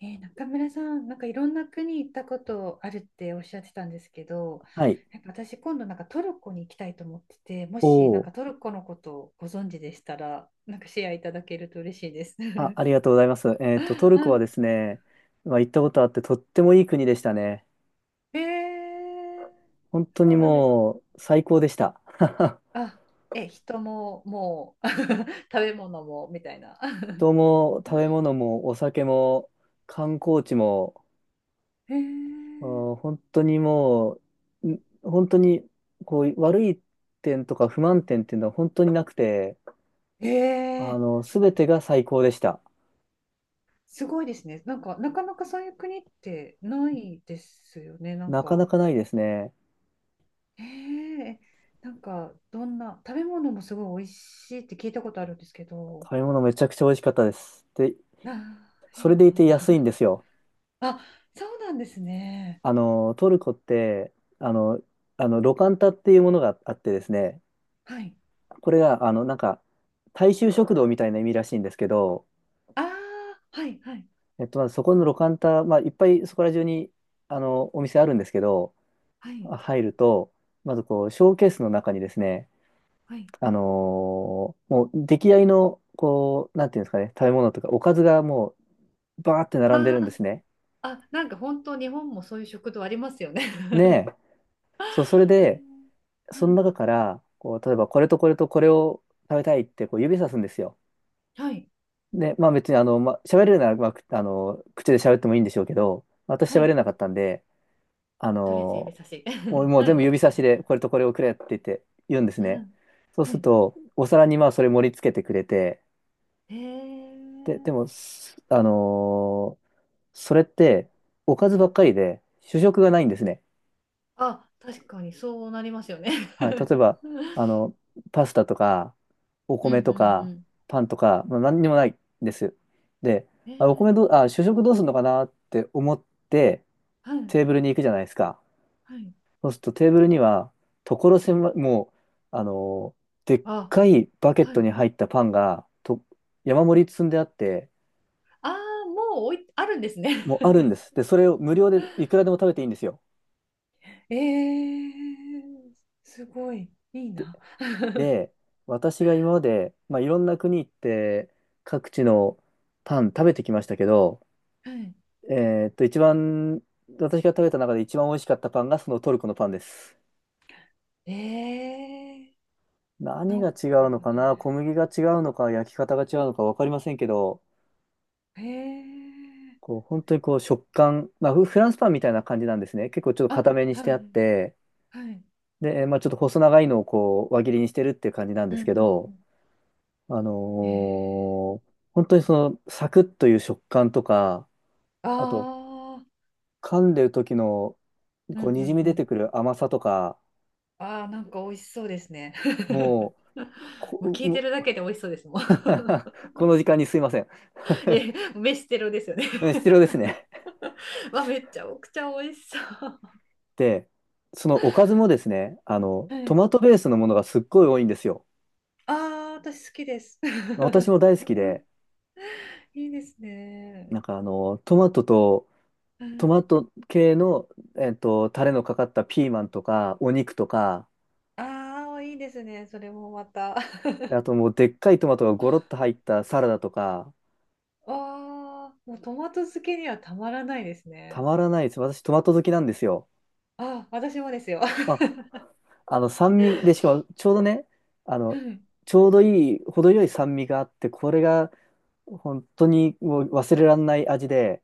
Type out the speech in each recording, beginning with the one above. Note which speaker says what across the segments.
Speaker 1: 中村さん、なんかいろんな国行ったことあるっておっしゃってたんですけど、
Speaker 2: はい。
Speaker 1: なんか私今度なんかトルコに行きたいと思ってて、も
Speaker 2: お
Speaker 1: しなん
Speaker 2: お。
Speaker 1: かトルコのことをご存知でしたら、なんかシェアいただけると嬉しいです。
Speaker 2: あ、ありがとうございます。トルコはで
Speaker 1: は
Speaker 2: すね、行ったことあってとってもいい国でしたね。
Speaker 1: い。
Speaker 2: 本当
Speaker 1: そ
Speaker 2: に
Speaker 1: うなんですね。
Speaker 2: もう最高でした。
Speaker 1: あ、人ももう 食べ物もみたいな。
Speaker 2: 人も食べ 物もお酒も観光地も、
Speaker 1: えー、
Speaker 2: う本当にもう、本当にこう悪い点とか不満点っていうのは本当になくて、
Speaker 1: えー、
Speaker 2: すべてが最高でした。
Speaker 1: すごいですね。なんかなかなかそういう国ってないですよね。なん
Speaker 2: なかな
Speaker 1: か。
Speaker 2: かないですね。
Speaker 1: ええなんかどんな食べ物もすごい美味しいって聞いたことあるんですけど、
Speaker 2: 食べ物めちゃくちゃ美味しかったです。で、
Speaker 1: あー、
Speaker 2: そ
Speaker 1: い
Speaker 2: れ
Speaker 1: い
Speaker 2: で
Speaker 1: な。
Speaker 2: いて安いんですよ。
Speaker 1: あ、そうなんですね。
Speaker 2: トルコって、あの、ロカンタっていうものがあってですね、
Speaker 1: はい。
Speaker 2: これが、大衆食堂みたいな意味らしいんですけど、
Speaker 1: ああ、はいはい
Speaker 2: まずそこのロカンタ、いっぱいそこら中に、お店あるんですけど、
Speaker 1: はい
Speaker 2: 入ると、まずこう、ショーケースの中にですね、
Speaker 1: はい。
Speaker 2: あのもう、出来合いの、こう、なんていうんですかね、食べ物とか、おかずがもう、バーって並んで
Speaker 1: あ
Speaker 2: るんで
Speaker 1: ー
Speaker 2: すね。
Speaker 1: なんか本当日本もそういう食堂ありますよね。
Speaker 2: ね え、そう、それ
Speaker 1: えー
Speaker 2: で、
Speaker 1: は
Speaker 2: その中
Speaker 1: い
Speaker 2: から、こう、例えばこれとこれとこれを食べたいってこう指さすんですよ。
Speaker 1: はい
Speaker 2: で、別に喋れるなら、まあ、くあの、口で喋ってもいいんでしょうけど、私
Speaker 1: は
Speaker 2: 喋れ
Speaker 1: い。
Speaker 2: なかったんで、あ
Speaker 1: トレジ指
Speaker 2: の、
Speaker 1: 差し。
Speaker 2: もう、もう
Speaker 1: は
Speaker 2: 全部
Speaker 1: い
Speaker 2: 指差しでこれとこれをくれって言って言うんです
Speaker 1: は
Speaker 2: ね。
Speaker 1: い
Speaker 2: そう
Speaker 1: は
Speaker 2: する
Speaker 1: い。
Speaker 2: と、お皿にまあそれ盛り付けてくれて、
Speaker 1: へ
Speaker 2: で、で
Speaker 1: え。
Speaker 2: も、すあのーそれっておかずばっかりで主食がないんですね。
Speaker 1: あ、確かにそうなりますよね。
Speaker 2: はい、例え ば、あの、パスタとか、お
Speaker 1: うんう
Speaker 2: 米とか、
Speaker 1: ん
Speaker 2: パンとか、何にもないんです。で、
Speaker 1: うん。
Speaker 2: あ、お米どう、あ、主食どうするのかなって思って、
Speaker 1: はい、
Speaker 2: テーブルに行くじゃないですか。
Speaker 1: はい。
Speaker 2: そうするとテーブルには、所狭い、もう、あの、でっ
Speaker 1: あ、
Speaker 2: かいバケッ
Speaker 1: は
Speaker 2: ト
Speaker 1: い。
Speaker 2: に入ったパンが、と、山盛り積んであって、
Speaker 1: ああ、もうおい、あるんですね。
Speaker 2: もうあるんで す。で、それを無料でいくらでも食べていいんですよ。
Speaker 1: えー、すごい、いいな。
Speaker 2: で、私が今まで、いろんな国行って各地のパン食べてきましたけど、
Speaker 1: はい。
Speaker 2: え一番、私が食べた中で一番美味しかったパンがそのトルコのパンです。
Speaker 1: えー、な
Speaker 2: 何が
Speaker 1: ん
Speaker 2: 違
Speaker 1: か
Speaker 2: うのか
Speaker 1: ね、
Speaker 2: な、小麦が違うのか、焼き方が違うのか分かりませんけど、
Speaker 1: えー、
Speaker 2: こう本当にこう食感、フランスパンみたいな感じなんですね。結構ちょっと
Speaker 1: あ、
Speaker 2: 固めにし
Speaker 1: は
Speaker 2: てあっ
Speaker 1: い、
Speaker 2: て、
Speaker 1: はい、
Speaker 2: で、ちょっと細長いのをこう輪切りにしてるっていう感じなんで
Speaker 1: うん
Speaker 2: す
Speaker 1: う
Speaker 2: け
Speaker 1: んう
Speaker 2: ど、
Speaker 1: ん。
Speaker 2: あの
Speaker 1: え
Speaker 2: ー本当にそのサクッという食感とか、あと、
Speaker 1: あー、
Speaker 2: 噛んでる時の、
Speaker 1: うんう
Speaker 2: こう、にじ
Speaker 1: ん
Speaker 2: み
Speaker 1: う
Speaker 2: 出て
Speaker 1: ん。
Speaker 2: くる甘さとか、
Speaker 1: あー、なんか美味しそうですね。
Speaker 2: もう、
Speaker 1: もう
Speaker 2: こ、
Speaker 1: 聞い
Speaker 2: も
Speaker 1: てるだ
Speaker 2: う
Speaker 1: けで美味しそうですもん。
Speaker 2: この時間にすいません。
Speaker 1: え、飯テロですよね。
Speaker 2: うん、必要ですね。
Speaker 1: わ、めっちゃおくちゃ美味しそう。
Speaker 2: で、そのおかずもですね、
Speaker 1: は
Speaker 2: トマ
Speaker 1: い。
Speaker 2: トベースのものがすっごい多いんですよ。
Speaker 1: ああ、私好きです
Speaker 2: 私も 大好きで、
Speaker 1: いいですね。
Speaker 2: トマトと、
Speaker 1: は
Speaker 2: ト
Speaker 1: い。
Speaker 2: マト系の、タレのかかったピーマンとか、お肉とか、
Speaker 1: ああ、いいですね。それもまた
Speaker 2: あともうでっかいトマトがゴロッと入ったサラダとか、
Speaker 1: わあ、もうトマト漬けにはたまらないです
Speaker 2: た
Speaker 1: ね。
Speaker 2: まらないです。私トマト好きなんですよ。
Speaker 1: あ、私もですよ
Speaker 2: あ、あの酸味で、しかもちょうどね、あ
Speaker 1: う
Speaker 2: の、
Speaker 1: い
Speaker 2: ちょうどいい、程よい酸味があって、これが本当にもう忘れられない味で、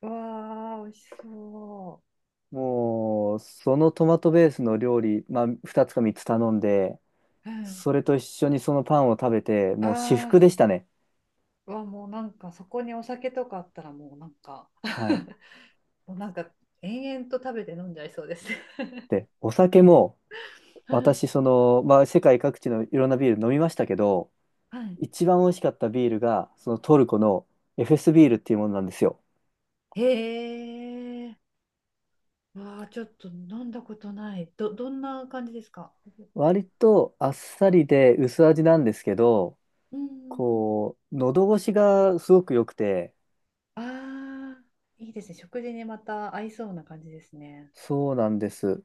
Speaker 1: わあ、美味しそ
Speaker 2: もうそのトマトベースの料理、2つか3つ頼んで、
Speaker 1: う。はい。
Speaker 2: それと一緒にそのパンを食べて、もう至福
Speaker 1: あ
Speaker 2: でしたね。
Speaker 1: あ、わ、もうなんかそこにお酒とかあったらもうなんか
Speaker 2: はい。
Speaker 1: もうなんか延々と食べて飲んじゃいそうですね。
Speaker 2: で、お酒も、私、世界各地のいろんなビール飲みましたけど、
Speaker 1: はい。
Speaker 2: 一番美味しかったビールが、そのトルコのエフェスビールっていうものなんですよ。
Speaker 1: へえ。わあ、ちょっと飲んだことない。ど、どんな感じですか？
Speaker 2: 割とあっさりで薄味なんですけど、
Speaker 1: うん。
Speaker 2: こう、喉越しがすごく良くて、
Speaker 1: ああ、いいですね。食事にまた合いそうな感じですね。
Speaker 2: そうなんです。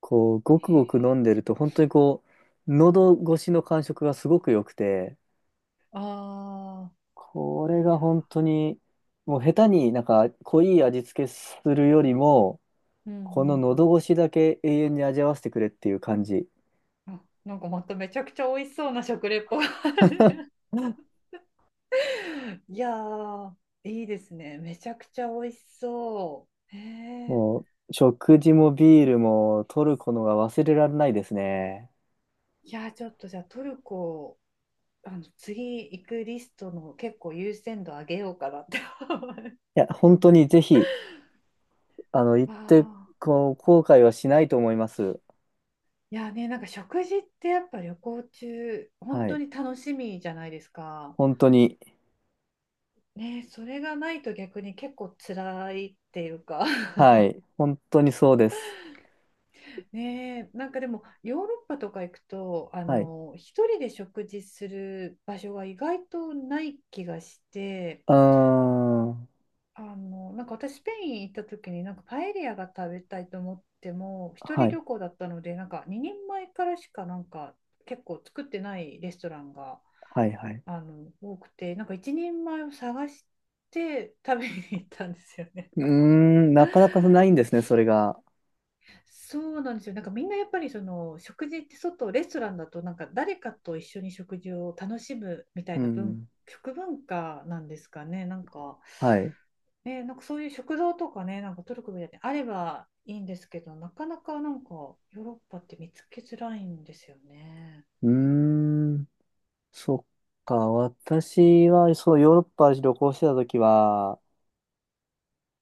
Speaker 2: こう、ご
Speaker 1: へ
Speaker 2: くご
Speaker 1: え。
Speaker 2: く飲んでると、本当にこう、喉越しの感触がすごく良くて、
Speaker 1: ああ、
Speaker 2: これ
Speaker 1: い
Speaker 2: が
Speaker 1: や
Speaker 2: 本当に、もう下手になんか濃い味付けするよりも、
Speaker 1: ー、うん
Speaker 2: この
Speaker 1: うん
Speaker 2: 喉越しだけ永遠に味わわせてくれっていう感じ。
Speaker 1: うん。あ、なんかまためちゃくちゃ美味しそうな食レポ。いやー、いいですね。めちゃくちゃ美味しそう。へえ。
Speaker 2: もう、食事もビールも取るこのが忘れられないですね。
Speaker 1: いやー、ちょっとじゃあトルコ、あの、次行くリストの結構優先度上げようかなって思う。
Speaker 2: いや、本当にぜひ、行って、
Speaker 1: ああ、
Speaker 2: こう、後悔はしないと思います。
Speaker 1: いやね、なんか食事ってやっぱ旅行中、本
Speaker 2: は
Speaker 1: 当
Speaker 2: い。
Speaker 1: に楽しみじゃないですか。
Speaker 2: 本当に。
Speaker 1: ね、それがないと逆に結構辛いっていうか
Speaker 2: はい。本当にそうです。
Speaker 1: ね、なんかでもヨーロッパとか行くと、あ
Speaker 2: はい。う
Speaker 1: の、一人で食事する場所が意外とない気がして、
Speaker 2: ーん。
Speaker 1: あの、なんか私スペイン行った時になんかパエリアが食べたいと思っても、一
Speaker 2: は
Speaker 1: 人
Speaker 2: い。
Speaker 1: 旅行だったので、なんか2人前からしかなんか結構作ってないレストランが。
Speaker 2: はい、はい。
Speaker 1: あの多くてなんか一人前を探して食べに行ったんですよね。
Speaker 2: うーん。なかなかないんですね、それが。
Speaker 1: そうなんですよ。なんかみんなやっぱりその食事って外レストランだと、なんか誰かと一緒に食事を楽しむみた
Speaker 2: う
Speaker 1: いな文
Speaker 2: ん。
Speaker 1: 食文化なんですかね、なんか。
Speaker 2: はい。
Speaker 1: ね、なんかそういう食堂とかね、なんかトルコみたいにあればいいんですけど、なかなかなんかヨーロッパって見つけづらいんですよね。
Speaker 2: うーん。そっか。私は、そう、ヨーロッパ旅行してた時は、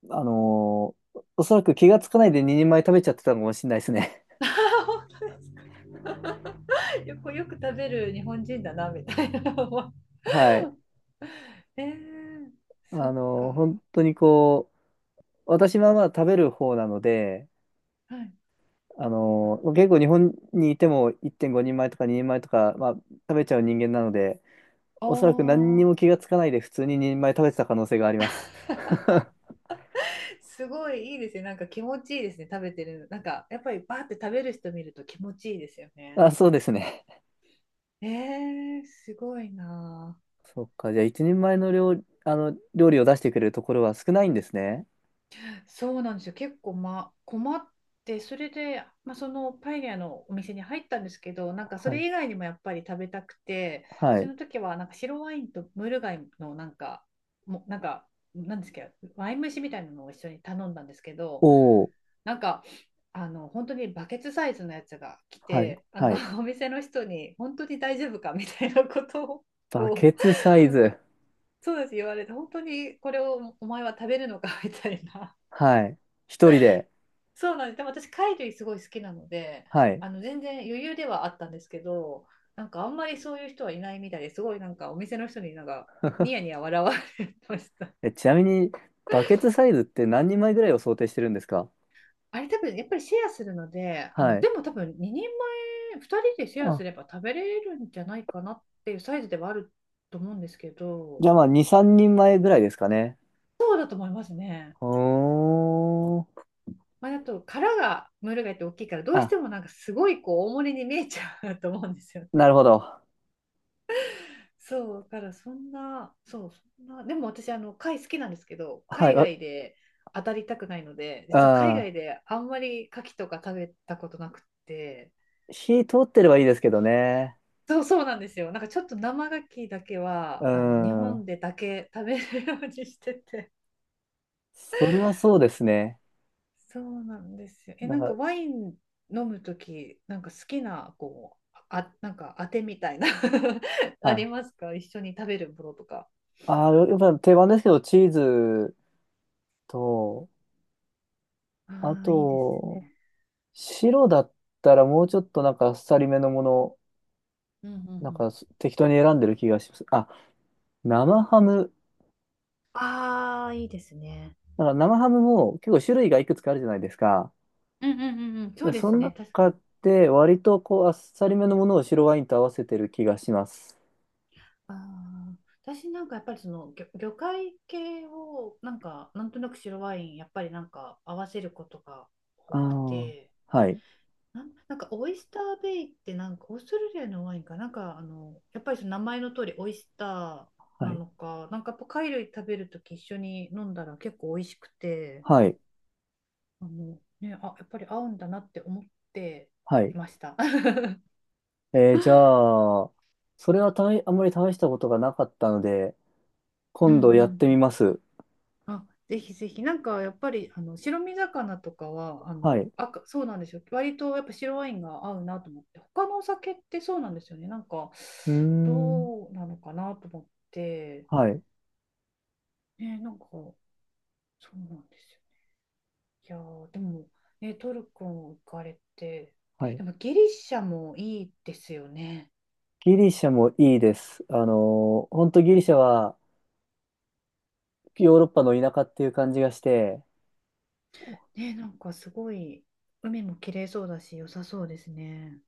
Speaker 2: おそらく気がつかないで2人前食べちゃってたのかもしれないです ね。
Speaker 1: 本当ですか？ よくよく食べる日本人だなみたいな
Speaker 2: はい。
Speaker 1: えー、そっか。
Speaker 2: 本当にこう、私はまあ食べる方なので、
Speaker 1: はい。あ
Speaker 2: 結構日本にいても1.5人前とか2人前とか、食べちゃう人間なので、
Speaker 1: あ、
Speaker 2: おそらく何にも気がつかないで普通に2人前食べてた可能性があります。
Speaker 1: ー、すごいいいですね。なんか気持ちいいですね。食べてるの。なんか、やっぱりバーって食べる人見ると気持ちいいですよね。
Speaker 2: あ、そうですね。
Speaker 1: えー、すごいな
Speaker 2: そっか、じゃあ1人前の料、あの料理を出してくれるところは少ないんですね。
Speaker 1: あ。そうなんですよ。結構、まあ、困って、それで、まあ、そのパエリアのお店に入ったんですけど、なんかそ
Speaker 2: はい。
Speaker 1: れ以外にもやっぱり食べたくて、
Speaker 2: は
Speaker 1: そ
Speaker 2: い。
Speaker 1: の時はなんか白ワインとムール貝のなんか、もうなんか、なんですけど、ワイン蒸しみたいなのを一緒に頼んだんですけ
Speaker 2: お
Speaker 1: ど、
Speaker 2: お、
Speaker 1: なんかあの本当にバケツサイズのやつが来
Speaker 2: はい。
Speaker 1: て、あ
Speaker 2: は
Speaker 1: の
Speaker 2: い。
Speaker 1: お店の人に本当に大丈夫かみたいなこと
Speaker 2: バケ
Speaker 1: を
Speaker 2: ツサイズ。
Speaker 1: そうです言われて、本当にこれをお前は食べるのか みたいな。
Speaker 2: はい。一人で。
Speaker 1: そうなんです。でも私貝類すごい好きなので、
Speaker 2: はい。
Speaker 1: あの全然余裕ではあったんですけど、なんかあんまりそういう人はいないみたいで、すごいなんかお店の人になんかニヤニヤ笑われました。
Speaker 2: え、ちなみに、バケツサイズって何人前ぐらいを想定してるんですか？
Speaker 1: あれ多分やっぱりシェアするので、あ
Speaker 2: は
Speaker 1: の、
Speaker 2: い。
Speaker 1: でも多分2人前、2人でシェアす
Speaker 2: あ
Speaker 1: れば食べれるんじゃないかなっていうサイズではあると思うんですけ
Speaker 2: じ
Speaker 1: ど、
Speaker 2: ゃあまあ、2、3人前ぐらいですかね。
Speaker 1: そうだと思いますね。
Speaker 2: ほーん。
Speaker 1: まあ、あと殻がムール貝って大きいから、どうし
Speaker 2: あ、
Speaker 1: てもなんかすごいこう大盛りに見えちゃう と思うんですよ
Speaker 2: な
Speaker 1: ね。
Speaker 2: るほど。
Speaker 1: そうだから、そんなでも私あの貝好きなんですけど、
Speaker 2: はい、
Speaker 1: 海
Speaker 2: わ、
Speaker 1: 外で当たりたくないので、実は海外
Speaker 2: う
Speaker 1: であんまり牡蠣とか食べたことなくって。
Speaker 2: ん。火通ってればいいですけどね。
Speaker 1: そうそうなんですよ。なんかちょっと生牡蠣だけ
Speaker 2: う
Speaker 1: は、あの、日
Speaker 2: ん。
Speaker 1: 本でだけ食べるようにしてて。
Speaker 2: それはそうですね。
Speaker 1: そうなんですよ。え、
Speaker 2: な
Speaker 1: な
Speaker 2: ん
Speaker 1: んか
Speaker 2: か、
Speaker 1: ワイン飲むとき、なんか好きな、こう、あ、なんか当てみたいな あり
Speaker 2: あ、
Speaker 1: ますか？一緒に食べるものとか。
Speaker 2: あ、やっぱ定番ですけど、チーズと、あ
Speaker 1: ああ、いいです
Speaker 2: と、
Speaker 1: ね。
Speaker 2: 白だったらもうちょっとあっさりめのもの、
Speaker 1: うんうん
Speaker 2: なん
Speaker 1: うん。
Speaker 2: かす適当に選んでる気がします。あ、生ハム。
Speaker 1: ああ、いいですね。
Speaker 2: 生ハムも結構種類がいくつかあるじゃないですか。
Speaker 1: うんうんうんうん。そう
Speaker 2: で
Speaker 1: で
Speaker 2: そ
Speaker 1: す
Speaker 2: の
Speaker 1: ね。確か
Speaker 2: 中
Speaker 1: に。
Speaker 2: で割とこうあっさりめのものを白ワインと合わせてる気がします。
Speaker 1: ああ、私なんかやっぱりその魚、魚介系をなんかなんとなく白ワインやっぱりなんか合わせることが多
Speaker 2: あ
Speaker 1: く
Speaker 2: あ、
Speaker 1: て、
Speaker 2: はい、
Speaker 1: なん、なんかオイスターベイってなんかオーストラリアのワインかなんか、あのやっぱりその名前の通りオイスター
Speaker 2: は
Speaker 1: な
Speaker 2: い、
Speaker 1: のか、なんかやっぱ貝類食べるとき一緒に飲んだら結構美味しくて、
Speaker 2: はい、
Speaker 1: あの、ね、あやっぱり合うんだなって思って
Speaker 2: はい。
Speaker 1: いました。
Speaker 2: じゃあ、それはあんまり試したことがなかったので、
Speaker 1: うんう
Speaker 2: 今度やってみ
Speaker 1: ん。
Speaker 2: ます。
Speaker 1: あ、ぜひぜひ、なんかやっぱりあの白身魚とかはあ
Speaker 2: はい。
Speaker 1: の
Speaker 2: う
Speaker 1: 赤、そうなんですよ、割とやっぱ白ワインが合うなと思って、他のお酒ってそうなんですよね、なんか
Speaker 2: ーん、
Speaker 1: どうなのかなと思って、
Speaker 2: はい、
Speaker 1: ね、なんかそうなんですよね。いやー、でも、ね、トルコ行かれて、
Speaker 2: はい。
Speaker 1: でもギリシャもいいですよね。
Speaker 2: ギリシャもいいです。本当ギリシャはヨーロッパの田舎っていう感じがして、
Speaker 1: ね、なんかすごい、海も綺麗そうだし、良さそうですね。